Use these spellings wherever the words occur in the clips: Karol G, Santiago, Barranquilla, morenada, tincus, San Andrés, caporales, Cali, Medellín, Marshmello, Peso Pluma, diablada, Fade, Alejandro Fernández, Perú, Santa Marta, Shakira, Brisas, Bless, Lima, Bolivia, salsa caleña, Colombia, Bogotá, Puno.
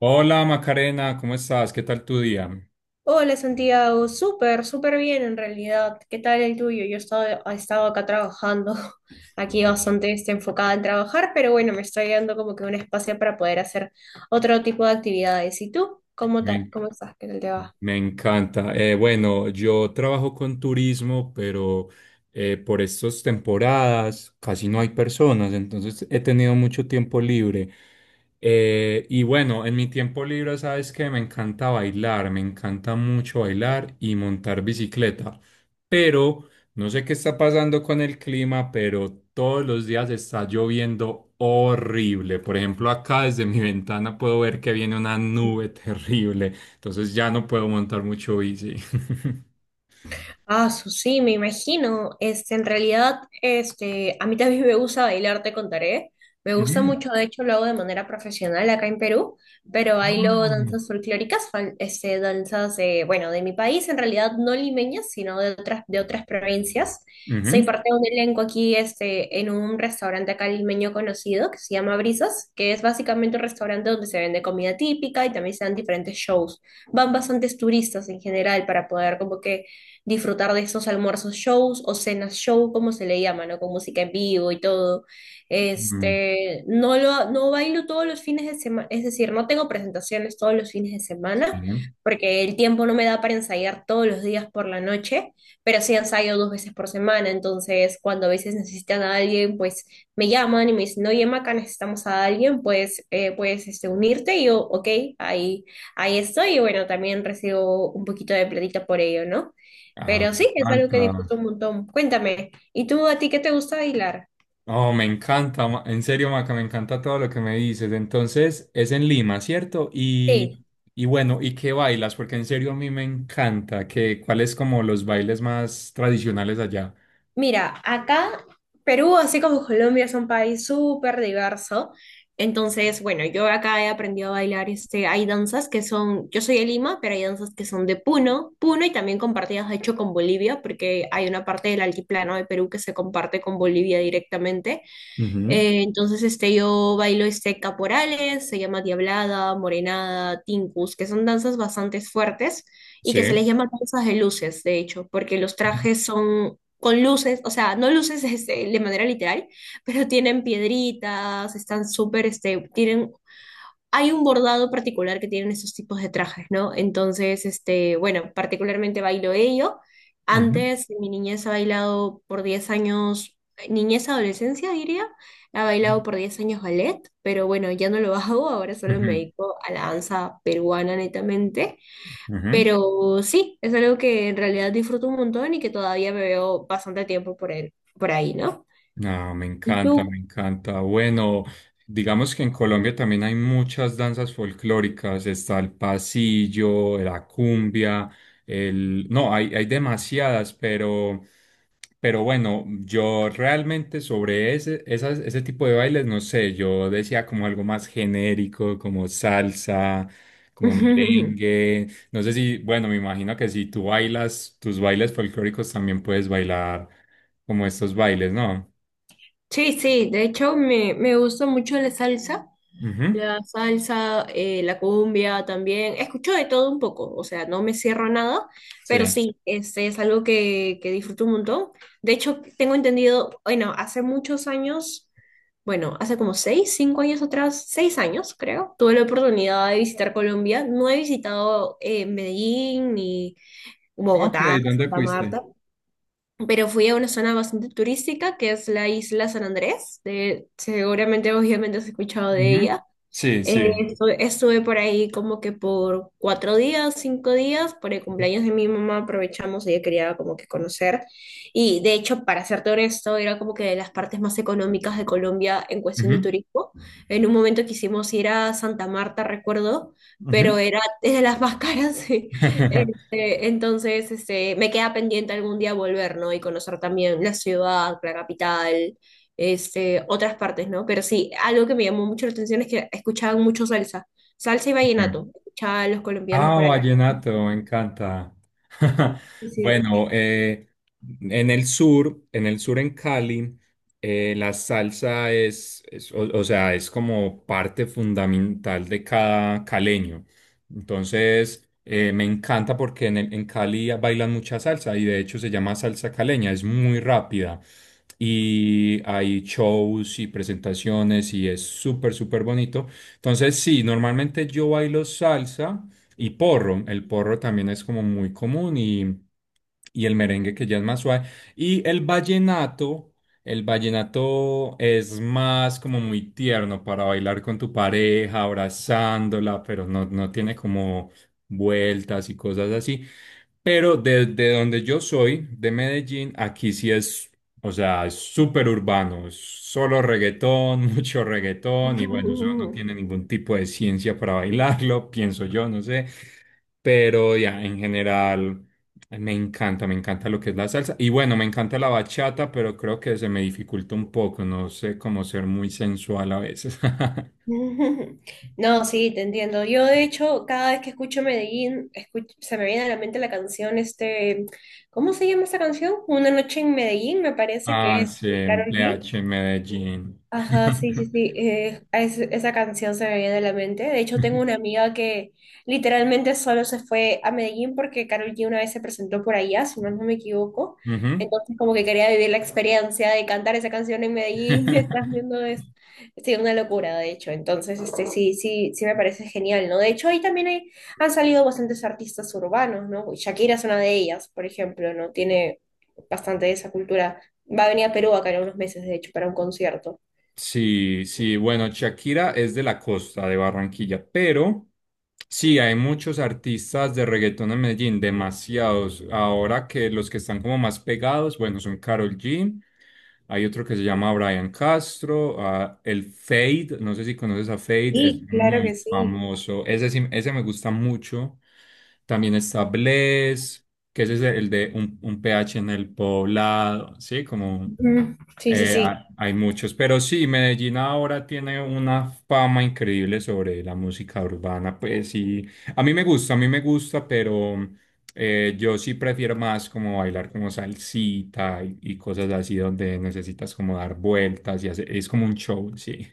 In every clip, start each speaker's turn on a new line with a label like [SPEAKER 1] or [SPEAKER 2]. [SPEAKER 1] Hola Macarena, ¿cómo estás? ¿Qué tal tu día?
[SPEAKER 2] Hola Santiago, súper, súper bien en realidad. ¿Qué tal el tuyo? Yo he estado acá trabajando, aquí bastante enfocada en trabajar, pero bueno, me estoy dando como que un espacio para poder hacer otro tipo de actividades. ¿Y tú?
[SPEAKER 1] Bien.
[SPEAKER 2] Cómo estás? ¿Qué tal te va?
[SPEAKER 1] Me encanta. Bueno, yo trabajo con turismo, pero por estas temporadas casi no hay personas, entonces he tenido mucho tiempo libre. Y bueno, en mi tiempo libre, sabes que me encanta bailar, me encanta mucho bailar y montar bicicleta, pero no sé qué está pasando con el clima, pero todos los días está lloviendo horrible. Por ejemplo, acá desde mi ventana puedo ver que viene una nube terrible. Entonces ya no puedo montar mucho bici.
[SPEAKER 2] Ah, sí, me imagino. En realidad, a mí también me gusta bailar, te contaré. Me gusta
[SPEAKER 1] Mm.
[SPEAKER 2] mucho, de hecho, lo hago de manera profesional acá en Perú, pero bailo danzas
[SPEAKER 1] Ah.
[SPEAKER 2] folclóricas, danzas de, bueno, de mi país, en realidad no limeñas, sino de otras provincias. Soy
[SPEAKER 1] Ujú.
[SPEAKER 2] parte de un elenco aquí, en un restaurante acá limeño conocido que se llama Brisas, que es básicamente un restaurante donde se vende comida típica y también se dan diferentes shows. Van bastantes turistas en general para poder como que disfrutar de esos almuerzos shows o cenas show, como se le llama, ¿no? Con música en vivo y todo.
[SPEAKER 1] Mm,
[SPEAKER 2] No bailo todos los fines de semana, es decir, no tengo presentaciones todos los fines de
[SPEAKER 1] sí.
[SPEAKER 2] semana, porque el tiempo no me da para ensayar todos los días por la noche, pero sí ensayo 2 veces por semana, entonces cuando a veces necesitan a alguien, pues me llaman y me dicen, oye, Maca, necesitamos a alguien, pues puedes unirte, y yo, ok, ahí, ahí estoy, y bueno, también recibo un poquito de platita por ello, ¿no?
[SPEAKER 1] Ah,
[SPEAKER 2] Pero
[SPEAKER 1] me
[SPEAKER 2] sí, es algo que
[SPEAKER 1] encanta.
[SPEAKER 2] disfruto un montón. Cuéntame, ¿y tú a ti qué te gusta bailar?
[SPEAKER 1] Oh, me encanta. En serio, Maca, me encanta todo lo que me dices. Entonces, es en Lima, ¿cierto?
[SPEAKER 2] Sí,
[SPEAKER 1] Y bueno, ¿y qué bailas? Porque en serio a mí me encanta. Que, ¿cuáles como los bailes más tradicionales allá?
[SPEAKER 2] mira, acá Perú, así como Colombia, es un país súper diverso. Entonces, bueno, yo acá he aprendido a bailar, hay danzas que son, yo soy de Lima, pero hay danzas que son de Puno, Puno y también compartidas, de hecho, con Bolivia, porque hay una parte del altiplano de Perú que se comparte con Bolivia directamente.
[SPEAKER 1] Ujú.
[SPEAKER 2] Entonces, yo bailo este caporales, se llama diablada, morenada, tincus, que son danzas bastante fuertes y que se les
[SPEAKER 1] Sí.
[SPEAKER 2] llama danzas de luces, de hecho, porque los
[SPEAKER 1] Ujú.
[SPEAKER 2] trajes son con luces, o sea, no luces de manera literal, pero tienen piedritas, están súper, este, tienen hay un bordado particular que tienen esos tipos de trajes, ¿no? Entonces, bueno, particularmente bailo ello.
[SPEAKER 1] Ujú.
[SPEAKER 2] Antes, en mi niñez ha bailado por 10 años, niñez, adolescencia, diría, ha bailado por 10 años ballet, pero bueno, ya no lo hago, ahora solo me
[SPEAKER 1] Ujú.
[SPEAKER 2] dedico a la danza peruana netamente.
[SPEAKER 1] Ujú.
[SPEAKER 2] Pero sí, es algo que en realidad disfruto un montón y que todavía me veo bastante tiempo por él, por ahí, ¿no?
[SPEAKER 1] Ah, me
[SPEAKER 2] ¿Y
[SPEAKER 1] encanta, me
[SPEAKER 2] tú?
[SPEAKER 1] encanta. Bueno, digamos que en Colombia también hay muchas danzas folclóricas. Está el pasillo, la cumbia, el... No, hay demasiadas, pero bueno, yo realmente sobre ese tipo de bailes, no sé, yo decía como algo más genérico, como salsa, como merengue. No sé si, bueno, me imagino que si tú bailas tus bailes folclóricos, también puedes bailar como estos bailes, ¿no?
[SPEAKER 2] Sí, sí, de hecho me gusta mucho la salsa.
[SPEAKER 1] Ujú,
[SPEAKER 2] La salsa, la cumbia también. Escucho de todo un poco, o sea, no me cierro a nada,
[SPEAKER 1] sí.
[SPEAKER 2] pero sí, este es algo que disfruto un montón. De hecho, tengo entendido, bueno, hace muchos años, bueno, hace como 6, 5 años atrás, 6 años creo, tuve la oportunidad de visitar Colombia. No he visitado Medellín ni
[SPEAKER 1] Ok,
[SPEAKER 2] Bogotá,
[SPEAKER 1] ¿dónde
[SPEAKER 2] Santa
[SPEAKER 1] fuiste?
[SPEAKER 2] Marta, pero fui a una zona bastante turística que es la isla San Andrés. Seguramente, obviamente, has escuchado de
[SPEAKER 1] Ujú,
[SPEAKER 2] ella.
[SPEAKER 1] sí, sí.
[SPEAKER 2] Estuve por ahí como que por 4 días, 5 días, por el cumpleaños de mi mamá aprovechamos, ella quería como que conocer. Y de hecho, para serte honesto, era como que de las partes más económicas de Colombia en cuestión de
[SPEAKER 1] Ujú,
[SPEAKER 2] turismo. En un momento quisimos ir a Santa Marta, recuerdo, pero
[SPEAKER 1] ujú.
[SPEAKER 2] era es de las más caras. Sí. Entonces, me queda pendiente algún día volver, ¿no? Y conocer también la ciudad, la capital, otras partes, ¿no? Pero sí, algo que me llamó mucho la atención es que escuchaban mucho salsa, salsa y vallenato, escuchaban los colombianos
[SPEAKER 1] Ah,
[SPEAKER 2] por ahí.
[SPEAKER 1] vallenato, me encanta.
[SPEAKER 2] Sí.
[SPEAKER 1] Bueno, en el sur, en el sur, en Cali, la salsa o sea, es como parte fundamental de cada caleño. Entonces, me encanta porque en Cali bailan mucha salsa y de hecho se llama salsa caleña, es muy rápida. Y hay shows y presentaciones y es súper, súper bonito. Entonces, sí, normalmente yo bailo salsa. Y porro, el porro también es como muy común y el merengue que ya es más suave. Y el vallenato es más como muy tierno para bailar con tu pareja, abrazándola, pero no, no tiene como vueltas y cosas así. Pero desde donde yo soy, de Medellín, aquí sí es, o sea, es súper urbano, es solo reggaetón, mucho reggaetón, y bueno, eso no tiene ningún tipo de ciencia para bailarlo, pienso yo, no sé. Pero ya, en general, me encanta lo que es la salsa. Y bueno, me encanta la bachata, pero creo que se me dificulta un poco, no sé cómo ser muy sensual a veces.
[SPEAKER 2] No, sí, te entiendo. Yo, de hecho, cada vez que escucho Medellín, se me viene a la mente la canción, ¿cómo se llama esa canción? Una noche en Medellín, me parece que
[SPEAKER 1] Ah,
[SPEAKER 2] es
[SPEAKER 1] sí,
[SPEAKER 2] de
[SPEAKER 1] un
[SPEAKER 2] Karol G.
[SPEAKER 1] PH en Medellín.
[SPEAKER 2] Ajá, sí, sí, sí. Esa canción se me viene a la mente. De hecho, tengo una amiga que literalmente solo se fue a Medellín porque Karol G una vez se presentó por allá, si más no me equivoco.
[SPEAKER 1] Ujú.
[SPEAKER 2] Entonces, como que quería vivir la experiencia de cantar esa canción en Medellín. Estás viendo es sí, una locura, de hecho. Entonces, sí, sí, sí me parece genial, ¿no? De hecho, ahí también hay, han salido bastantes artistas urbanos, ¿no? Shakira es una de ellas, por ejemplo, ¿no? Tiene bastante de esa cultura. Va a venir a Perú acá en unos meses, de hecho, para un concierto.
[SPEAKER 1] Sí, sí, bueno, Shakira es de la costa de Barranquilla, pero sí, hay muchos artistas de reggaetón en Medellín, demasiados. Ahora que los que están como más pegados, bueno, son Karol G, hay otro que se llama Brian Castro, ah, el Fade, no sé si conoces a Fade, es
[SPEAKER 2] Sí, claro
[SPEAKER 1] muy
[SPEAKER 2] que sí.
[SPEAKER 1] famoso, ese, ese me gusta mucho. También está Bless, que ese es el de un PH en el poblado, sí, como...
[SPEAKER 2] Ujú. Sí, sí, sí.
[SPEAKER 1] Hay muchos, pero sí, Medellín ahora tiene una fama increíble sobre la música urbana, pues sí, a mí me gusta, a mí me gusta, pero yo sí prefiero más como bailar como salsita y cosas así donde necesitas como dar vueltas y hacer, es como un show, sí.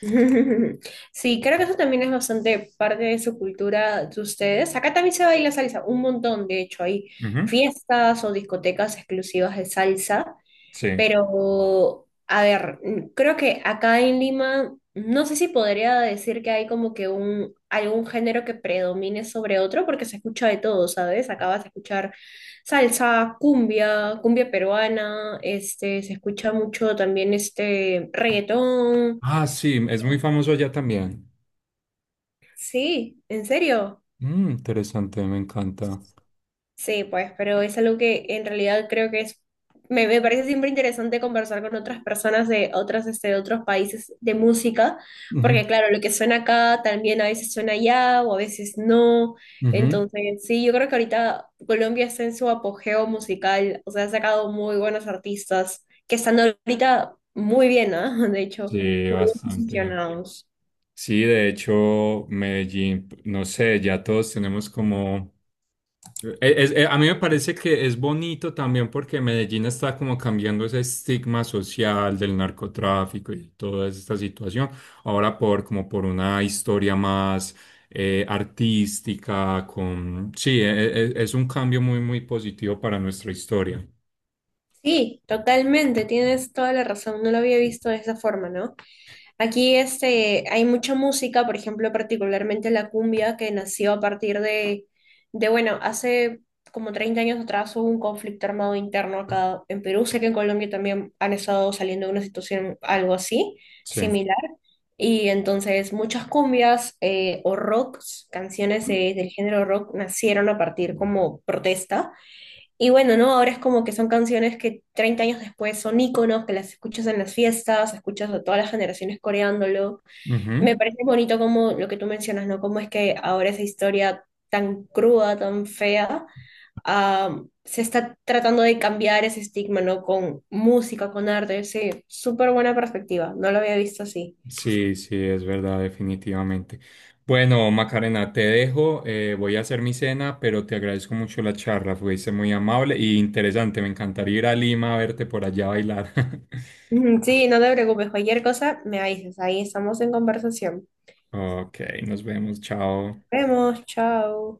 [SPEAKER 2] Sí, creo que eso también es bastante parte de su cultura de ustedes. Acá también se baila salsa, un montón, de hecho, hay
[SPEAKER 1] Ujú,
[SPEAKER 2] fiestas o discotecas exclusivas de salsa.
[SPEAKER 1] sí.
[SPEAKER 2] Pero, a ver, creo que acá en Lima, no sé si podría decir que hay como que un, algún género que predomine sobre otro, porque se escucha de todo, ¿sabes? Acá vas a escuchar salsa, cumbia, cumbia peruana, se escucha mucho también este reggaetón.
[SPEAKER 1] Ah, sí, es muy famoso allá también.
[SPEAKER 2] Sí, en serio.
[SPEAKER 1] Mm, interesante, me encanta.
[SPEAKER 2] Sí, pues, pero es algo que en realidad creo que es, me parece siempre interesante conversar con otras personas de otras, de otros países de música,
[SPEAKER 1] Ujú,
[SPEAKER 2] porque claro, lo que suena acá también a veces suena allá o a veces no.
[SPEAKER 1] ujú.
[SPEAKER 2] Entonces, sí, yo creo que ahorita Colombia está en su apogeo musical, o sea, ha sacado muy buenos artistas que están ahorita muy bien, ¿ah? De hecho,
[SPEAKER 1] Sí,
[SPEAKER 2] muy bien
[SPEAKER 1] bastante.
[SPEAKER 2] posicionados.
[SPEAKER 1] Sí, de hecho, Medellín, no sé, ya todos tenemos como... a mí me parece que es bonito también porque Medellín está como cambiando ese estigma social del narcotráfico y toda esta situación, ahora por como por una historia más artística, con... Sí, es un cambio muy, muy positivo para nuestra historia.
[SPEAKER 2] Sí, totalmente, tienes toda la razón, no lo había visto de esa forma, ¿no? Aquí hay mucha música, por ejemplo, particularmente la cumbia, que nació a partir de, bueno, hace como 30 años atrás hubo un conflicto armado interno acá en Perú. Sé que en Colombia también han estado saliendo de una situación algo así,
[SPEAKER 1] Sí.
[SPEAKER 2] similar. Y entonces muchas cumbias o rocks, canciones del género rock, nacieron a partir como protesta y bueno, ¿no? Ahora es como que son canciones que 30 años después son íconos, que las escuchas en las fiestas, escuchas a todas las generaciones coreándolo. Me
[SPEAKER 1] Ujú.
[SPEAKER 2] parece bonito como lo que tú mencionas, ¿no? Cómo es que ahora esa historia tan cruda, tan fea, ah, se está tratando de cambiar ese estigma, ¿no? Con música, con arte, sí. Súper buena perspectiva, no lo había visto así.
[SPEAKER 1] Sí, sí, es verdad, definitivamente. Bueno, Macarena, te dejo, voy a hacer mi cena, pero te agradezco mucho la charla, fuiste muy amable y interesante, me encantaría ir a Lima a verte por allá bailar.
[SPEAKER 2] Ujú, sí, no te preocupes, cualquier cosa me avisas, ahí estamos en conversación.
[SPEAKER 1] Ok, nos vemos,
[SPEAKER 2] Nos
[SPEAKER 1] chao.
[SPEAKER 2] vemos, chao.